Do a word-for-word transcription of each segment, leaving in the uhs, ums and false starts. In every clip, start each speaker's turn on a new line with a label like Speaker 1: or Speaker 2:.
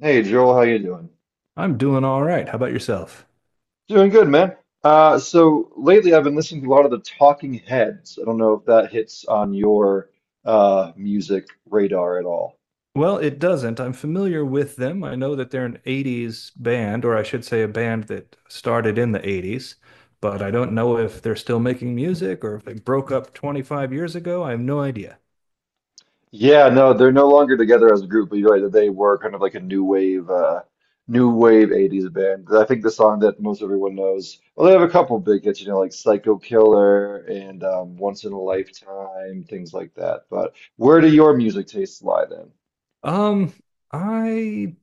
Speaker 1: Hey Joel, how you doing?
Speaker 2: I'm doing all right. How about yourself?
Speaker 1: Doing good, man. Uh, so lately I've been listening to a lot of the Talking Heads. I don't know if that hits on your uh, music radar at all.
Speaker 2: Well, it doesn't. I'm familiar with them. I know that they're an eighties band, or I should say a band that started in the eighties, but I don't know if they're still making music or if they broke up twenty-five years ago. I have no idea.
Speaker 1: Yeah, no, they're no longer together as a group, but you're right that they were kind of like a new wave, uh, new wave eighties band. I think the song that most everyone knows, well, they have a couple big hits, you know, like Psycho Killer and um, Once in a Lifetime, things like that. But where do your music tastes lie then?
Speaker 2: Um, I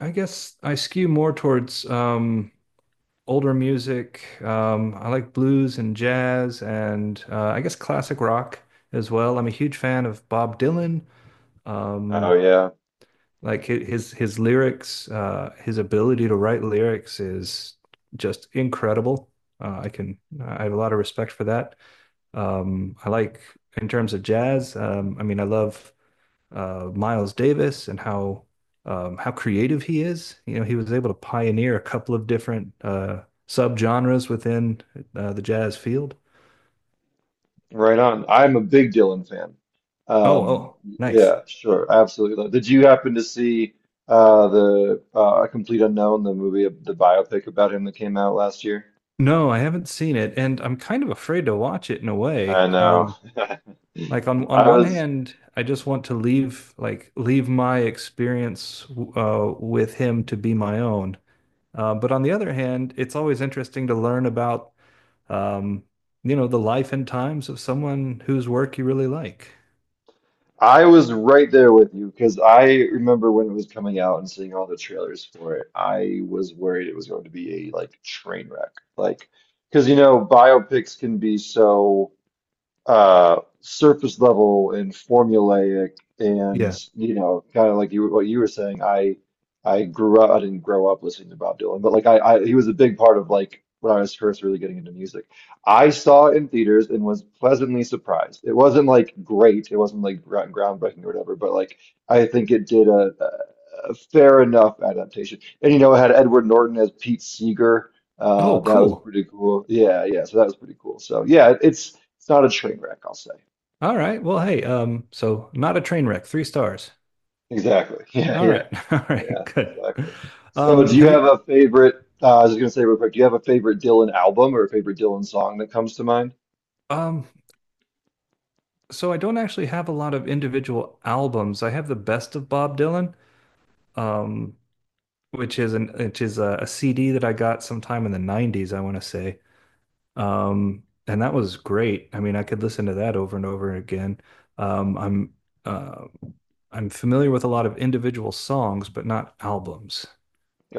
Speaker 2: I guess I skew more towards um older music. Um, I like blues and jazz and uh, I guess classic rock as well. I'm a huge fan of Bob Dylan.
Speaker 1: Oh
Speaker 2: Um,
Speaker 1: yeah.
Speaker 2: like hi- his his lyrics, uh, his ability to write lyrics is just incredible. Uh, I can I have a lot of respect for that. Um, I like in terms of jazz. Um, I mean, I love uh, Miles Davis and how um, how creative he is. You know, he was able to pioneer a couple of different uh, subgenres within uh, the jazz field.
Speaker 1: Right on. I'm a big Dylan fan.
Speaker 2: Oh,
Speaker 1: Um,
Speaker 2: oh, nice.
Speaker 1: yeah, sure, absolutely. Did you happen to see uh, the uh, A Complete Unknown, the movie, the biopic about him that came out last year?
Speaker 2: No, I haven't seen it, and I'm kind of afraid to watch it in a way.
Speaker 1: I know.
Speaker 2: Um, like on on
Speaker 1: I
Speaker 2: one
Speaker 1: was
Speaker 2: hand, I just want to leave like leave my experience uh, with him to be my own. Uh, but on the other hand, it's always interesting to learn about, um, you know, the life and times of someone whose work you really like.
Speaker 1: I was right there with you because I remember when it was coming out and seeing all the trailers for it. I was worried it was going to be a like train wreck, like because you know biopics can be so uh surface level and formulaic, and
Speaker 2: Yeah.
Speaker 1: you know kind of like you what you were saying. I I grew up, I didn't grow up listening to Bob Dylan, but like I, I he was a big part of like when I was first really getting into music. I saw it in theaters and was pleasantly surprised. It wasn't like great, it wasn't like gro- groundbreaking or whatever, but like I think it did a, a a fair enough adaptation, and you know it had Edward Norton as Pete Seeger. Uh,
Speaker 2: Oh,
Speaker 1: that was
Speaker 2: cool.
Speaker 1: pretty cool. Yeah, yeah. So that was pretty cool. So yeah, it- it's it's not a train wreck, I'll say.
Speaker 2: All right. Well, hey, um, so not a train wreck, three stars.
Speaker 1: Exactly. Yeah,
Speaker 2: All
Speaker 1: yeah,
Speaker 2: right. All right,
Speaker 1: yeah.
Speaker 2: good.
Speaker 1: Exactly. So
Speaker 2: Um,
Speaker 1: do you
Speaker 2: have you
Speaker 1: have a favorite? Uh, I was gonna say real quick. Do you have a favorite Dylan album or a favorite Dylan song that comes to mind?
Speaker 2: um so I don't actually have a lot of individual albums. I have the Best of Bob Dylan, um, which is an which is a, a C D that I got sometime in the nineties, I want to say. Um, and that was great. I mean, I could listen to that over and over again. Um, I'm uh, I'm familiar with a lot of individual songs, but not albums.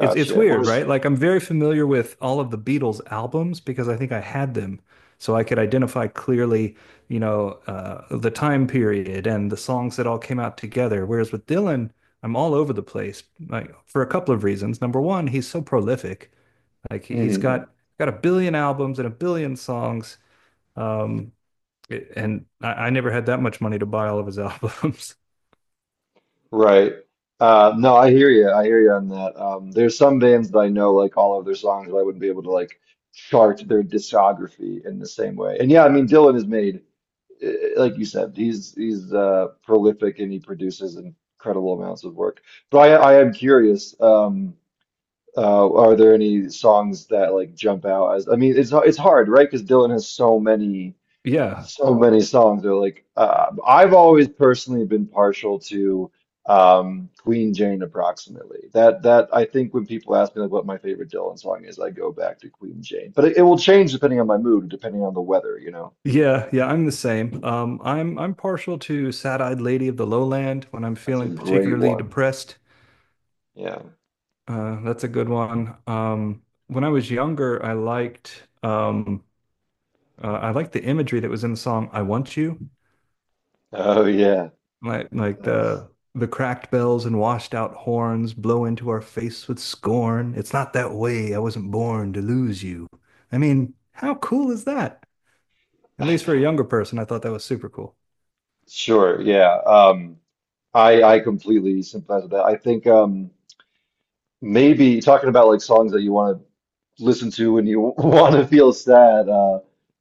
Speaker 2: It's it's
Speaker 1: What
Speaker 2: weird,
Speaker 1: is?
Speaker 2: right? Like I'm very familiar with all of the Beatles albums because I think I had them, so I could identify clearly, you know, uh, the time period and the songs that all came out together. Whereas with Dylan, I'm all over the place, like for a couple of reasons. Number one, he's so prolific. Like he- has
Speaker 1: Mhm.
Speaker 2: got got a billion albums and a billion songs. Um, and I, I never had that much money to buy all of his albums.
Speaker 1: Right. Uh, no, I hear you. I hear you on that. Um, there's some bands that I know like all of their songs, but I wouldn't be able to like chart their discography in the same way. And yeah, I mean Dylan has made eh, like you said, he's he's uh, prolific and he produces incredible amounts of work. But I I am curious. Um, uh, are there any songs that like jump out as? I mean, it's it's hard, right? Because Dylan has so many
Speaker 2: Yeah.
Speaker 1: so many songs. They're like uh, I've always personally been partial to um, Queen Jane approximately. That that I think when people ask me like what my favorite Dylan song is, I go back to Queen Jane. But it, it will change depending on my mood, depending on the weather, you know.
Speaker 2: Yeah, yeah, I'm the same. Um, I'm I'm partial to Sad-Eyed Lady of the Lowland when I'm
Speaker 1: That's a
Speaker 2: feeling
Speaker 1: great
Speaker 2: particularly
Speaker 1: one.
Speaker 2: depressed.
Speaker 1: Yeah.
Speaker 2: Uh, that's a good one. Um, when I was younger, I liked um, uh, I liked the imagery that was in the song "I Want You."
Speaker 1: Oh yeah,
Speaker 2: Like like
Speaker 1: that's
Speaker 2: the the cracked bells and washed out horns blow into our face with scorn. It's not that way. I wasn't born to lose you. I mean, how cool is that? At
Speaker 1: I
Speaker 2: least for a
Speaker 1: know.
Speaker 2: younger person, I thought that was super cool.
Speaker 1: Sure, yeah. Um, I I completely sympathize with that. I think um maybe talking about like songs that you want to listen to when you want to feel sad. Uh,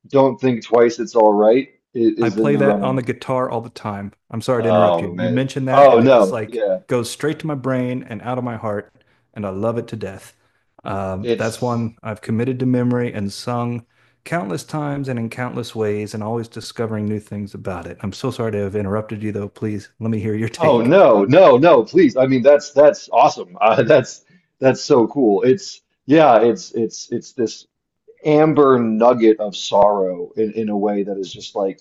Speaker 1: Don't Think Twice, It's All Right i-
Speaker 2: I
Speaker 1: is in
Speaker 2: play
Speaker 1: the
Speaker 2: that on the
Speaker 1: running.
Speaker 2: guitar all the time. I'm sorry to interrupt
Speaker 1: Oh
Speaker 2: you. You
Speaker 1: man.
Speaker 2: mentioned that,
Speaker 1: Oh
Speaker 2: and it just
Speaker 1: no,
Speaker 2: like
Speaker 1: yeah.
Speaker 2: goes straight to my brain and out of my heart, and I love it to death. Um, that's
Speaker 1: It's
Speaker 2: one I've committed to memory and sung countless times and in countless ways, and always discovering new things about it. I'm so sorry to have interrupted you, though. Please let me hear your
Speaker 1: oh
Speaker 2: take.
Speaker 1: no, no, no. Please, I mean that's that's awesome. Uh, that's that's so cool. It's yeah, it's it's it's this amber nugget of sorrow in, in a way that is just like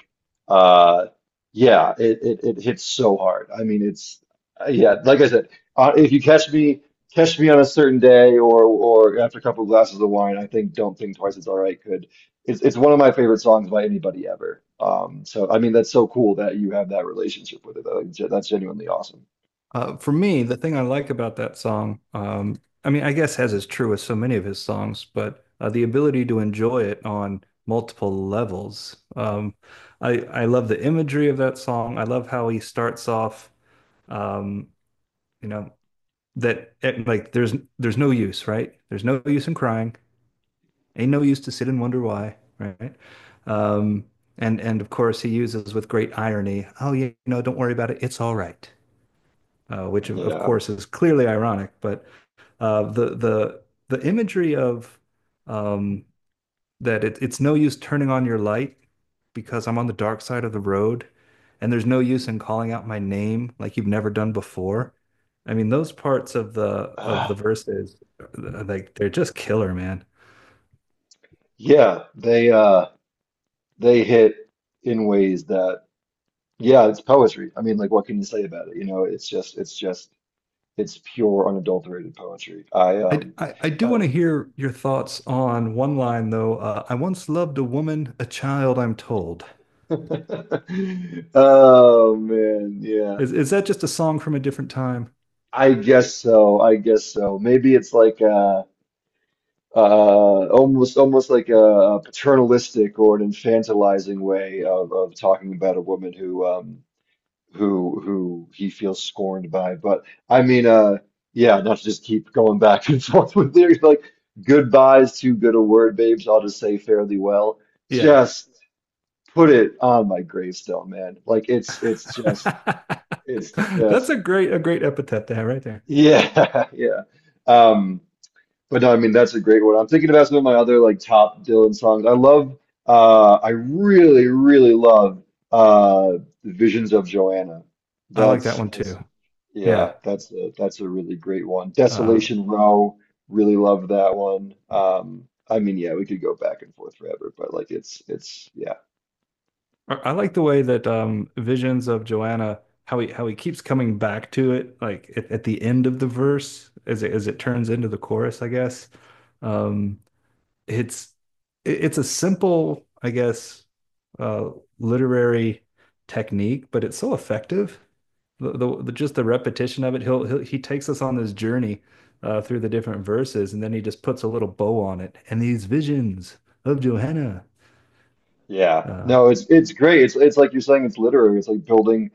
Speaker 1: uh yeah it, it it hits so hard. I mean it's uh, yeah, like I said, uh, if you catch me, catch me on a certain day or or after a couple of glasses of wine, I think Don't Think Twice It's All Right could it's it's one of my favorite songs by anybody ever. Um, so I mean that's so cool that you have that relationship with it. I think ge- that's genuinely awesome.
Speaker 2: Uh, for me, the thing I like about that song, um, I mean, I guess as is true with so many of his songs, but uh, the ability to enjoy it on multiple levels. Um, I I love the imagery of that song. I love how he starts off, um, you know, that it, like there's there's no use, right? There's no use in crying. Ain't no use to sit and wonder why, right? Um, and and of course he uses with great irony, oh, you know, don't worry about it. It's all right, uh, which of, of
Speaker 1: Yeah.
Speaker 2: course is clearly ironic. But uh, the the the imagery of, um, that it, it's no use turning on your light because I'm on the dark side of the road, and there's no use in calling out my name like you've never done before. I mean, those parts of the of the
Speaker 1: Ah,
Speaker 2: verses, uh, like they're just killer, man.
Speaker 1: yeah they uh they hit in ways that. Yeah, it's poetry. I mean, like, what can you say about it? You know, it's just, it's just, it's pure, unadulterated poetry. I,
Speaker 2: I,
Speaker 1: um,
Speaker 2: I, I do
Speaker 1: uh,
Speaker 2: want to hear your thoughts on one line, though. Uh, I once loved a woman, a child, I'm told.
Speaker 1: oh man, yeah.
Speaker 2: Is, is that just a song from a different time?
Speaker 1: I guess so. I guess so. Maybe it's like uh uh, almost, almost like a, a paternalistic or an infantilizing way of, of talking about a woman who, um, who who he feels scorned by. But I mean, uh, yeah, not to just keep going back and forth with lyrics like goodbye's too good a word, babes. I'll just say fairly well.
Speaker 2: Yeah.
Speaker 1: Just put it on my gravestone, man. Like it's it's just it's
Speaker 2: That's a
Speaker 1: just
Speaker 2: great a great epithet to have right there.
Speaker 1: yeah, yeah. Um, but no, I mean that's a great one. I'm thinking about some of my other like top Dylan songs. I love uh I really, really love uh Visions of Joanna.
Speaker 2: I like that
Speaker 1: That's
Speaker 2: one
Speaker 1: that's
Speaker 2: too.
Speaker 1: yeah,
Speaker 2: Yeah.
Speaker 1: that's a that's a really great one.
Speaker 2: Uh,
Speaker 1: Desolation Row, really love that one. Um, I mean, yeah, we could go back and forth forever, but like it's it's yeah.
Speaker 2: I like the way that um, visions of Joanna, how he how he keeps coming back to it like at, at the end of the verse as it as it turns into the chorus, I guess. Um, it's it's a simple, I guess, uh, literary technique, but it's so effective. The, the, the Just the repetition of it. He'll, he'll he takes us on this journey uh, through the different verses, and then he just puts a little bow on it. And these visions of Johanna.
Speaker 1: Yeah.
Speaker 2: Uh,
Speaker 1: No, it's it's great. It's it's like you're saying it's literary. It's like building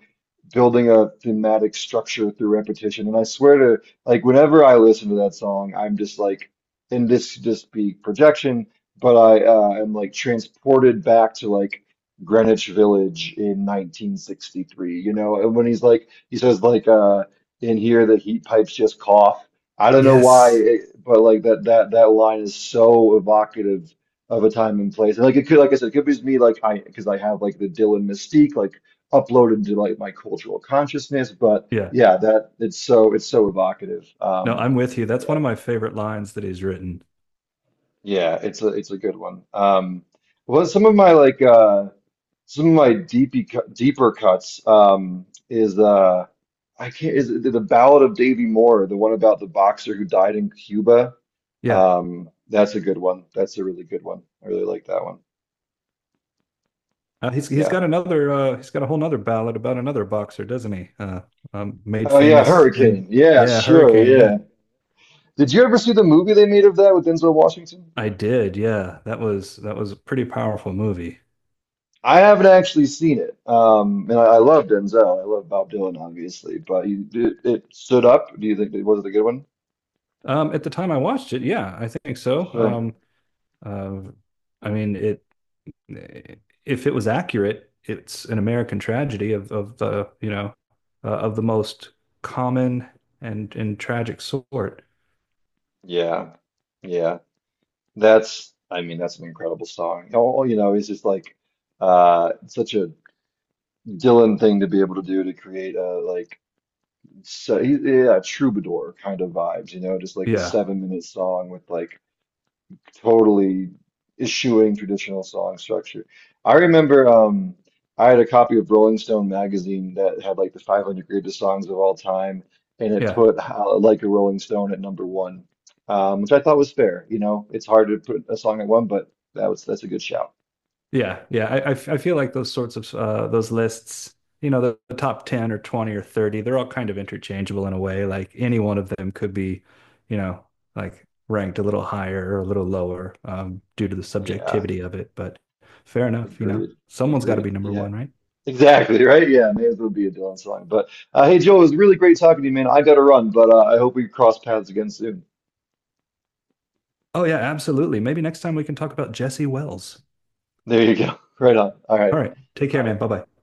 Speaker 1: building a thematic structure through repetition. And I swear to, like, whenever I listen to that song, I'm just like, and this could just be projection, but I uh, am like transported back to like Greenwich Village in nineteen sixty-three, you know? And when he's like, he says, like, uh, in here, the heat pipes just cough. I don't know why,
Speaker 2: yes,
Speaker 1: it, but like that that that line is so evocative of a time and place. And like it could, like I said, it could be just me, like I, because I have like the Dylan mystique, like uploaded to like my cultural consciousness. But
Speaker 2: yeah.
Speaker 1: yeah, that it's so it's so evocative.
Speaker 2: No,
Speaker 1: Um,
Speaker 2: I'm with you. That's one
Speaker 1: yeah,
Speaker 2: of my favorite lines that he's written.
Speaker 1: yeah, it's a it's a good one. Um, well, some of my like uh, some of my deepy cut- deeper cuts um, is uh, I can't, is it the Ballad of Davy Moore, the one about the boxer who died in Cuba.
Speaker 2: Yeah.
Speaker 1: Um, that's a good one. That's a really good one. I really like that one.
Speaker 2: Uh, he's he's got
Speaker 1: Yeah.
Speaker 2: another, uh, he's got a whole nother ballad about another boxer, doesn't he? Uh, um, made
Speaker 1: Oh yeah,
Speaker 2: famous in,
Speaker 1: Hurricane. Yeah,
Speaker 2: yeah,
Speaker 1: sure.
Speaker 2: Hurricane. Yeah.
Speaker 1: Yeah. Did you ever see the movie they made of that with Denzel Washington?
Speaker 2: I did, yeah. That was that was a pretty powerful movie.
Speaker 1: I haven't actually seen it. Um, and I, I love Denzel. I love Bob Dylan, obviously, but you, it, it stood up. Do you think it was it a good one?
Speaker 2: Um, at the time I watched it, yeah, I think so.
Speaker 1: Sure.
Speaker 2: Um, uh, I mean, it eh, if it was accurate, it's an American tragedy of of the you know, uh, of the most common and and tragic sort.
Speaker 1: Yeah. Yeah. That's, I mean, that's an incredible song. All, you know, it's just like uh, such a Dylan thing to be able to do to create a like, so, yeah, troubadour kind of vibes, you know, just like a
Speaker 2: Yeah,
Speaker 1: seven minute song with like, totally eschewing traditional song structure. I remember um, I had a copy of Rolling Stone magazine that had like the five hundred greatest songs of all time, and it
Speaker 2: yeah.
Speaker 1: put uh, Like a Rolling Stone at number one, um, which I thought was fair. You know, it's hard to put a song at one, but that was that's a good shout.
Speaker 2: Yeah, yeah. I, I f- I feel like those sorts of, uh, those lists, you know, the, the top ten or twenty or thirty, they're all kind of interchangeable in a way. Like any one of them could be, you know, like ranked a little higher or a little lower, um, due to the
Speaker 1: Yeah,
Speaker 2: subjectivity of it. But fair enough, you know,
Speaker 1: agreed,
Speaker 2: someone's got to
Speaker 1: agreed.
Speaker 2: be number
Speaker 1: Yeah,
Speaker 2: one, right?
Speaker 1: exactly, right? Yeah, may as well be a Dylan song. But uh, hey, Joe, it was really great talking to you, man. I gotta run, but uh, I hope we cross paths again soon.
Speaker 2: Oh, yeah, absolutely. Maybe next time we can talk about Jesse Wells.
Speaker 1: There you go. Right on. All
Speaker 2: All
Speaker 1: right.
Speaker 2: right. Take care,
Speaker 1: Bye.
Speaker 2: man. Bye bye.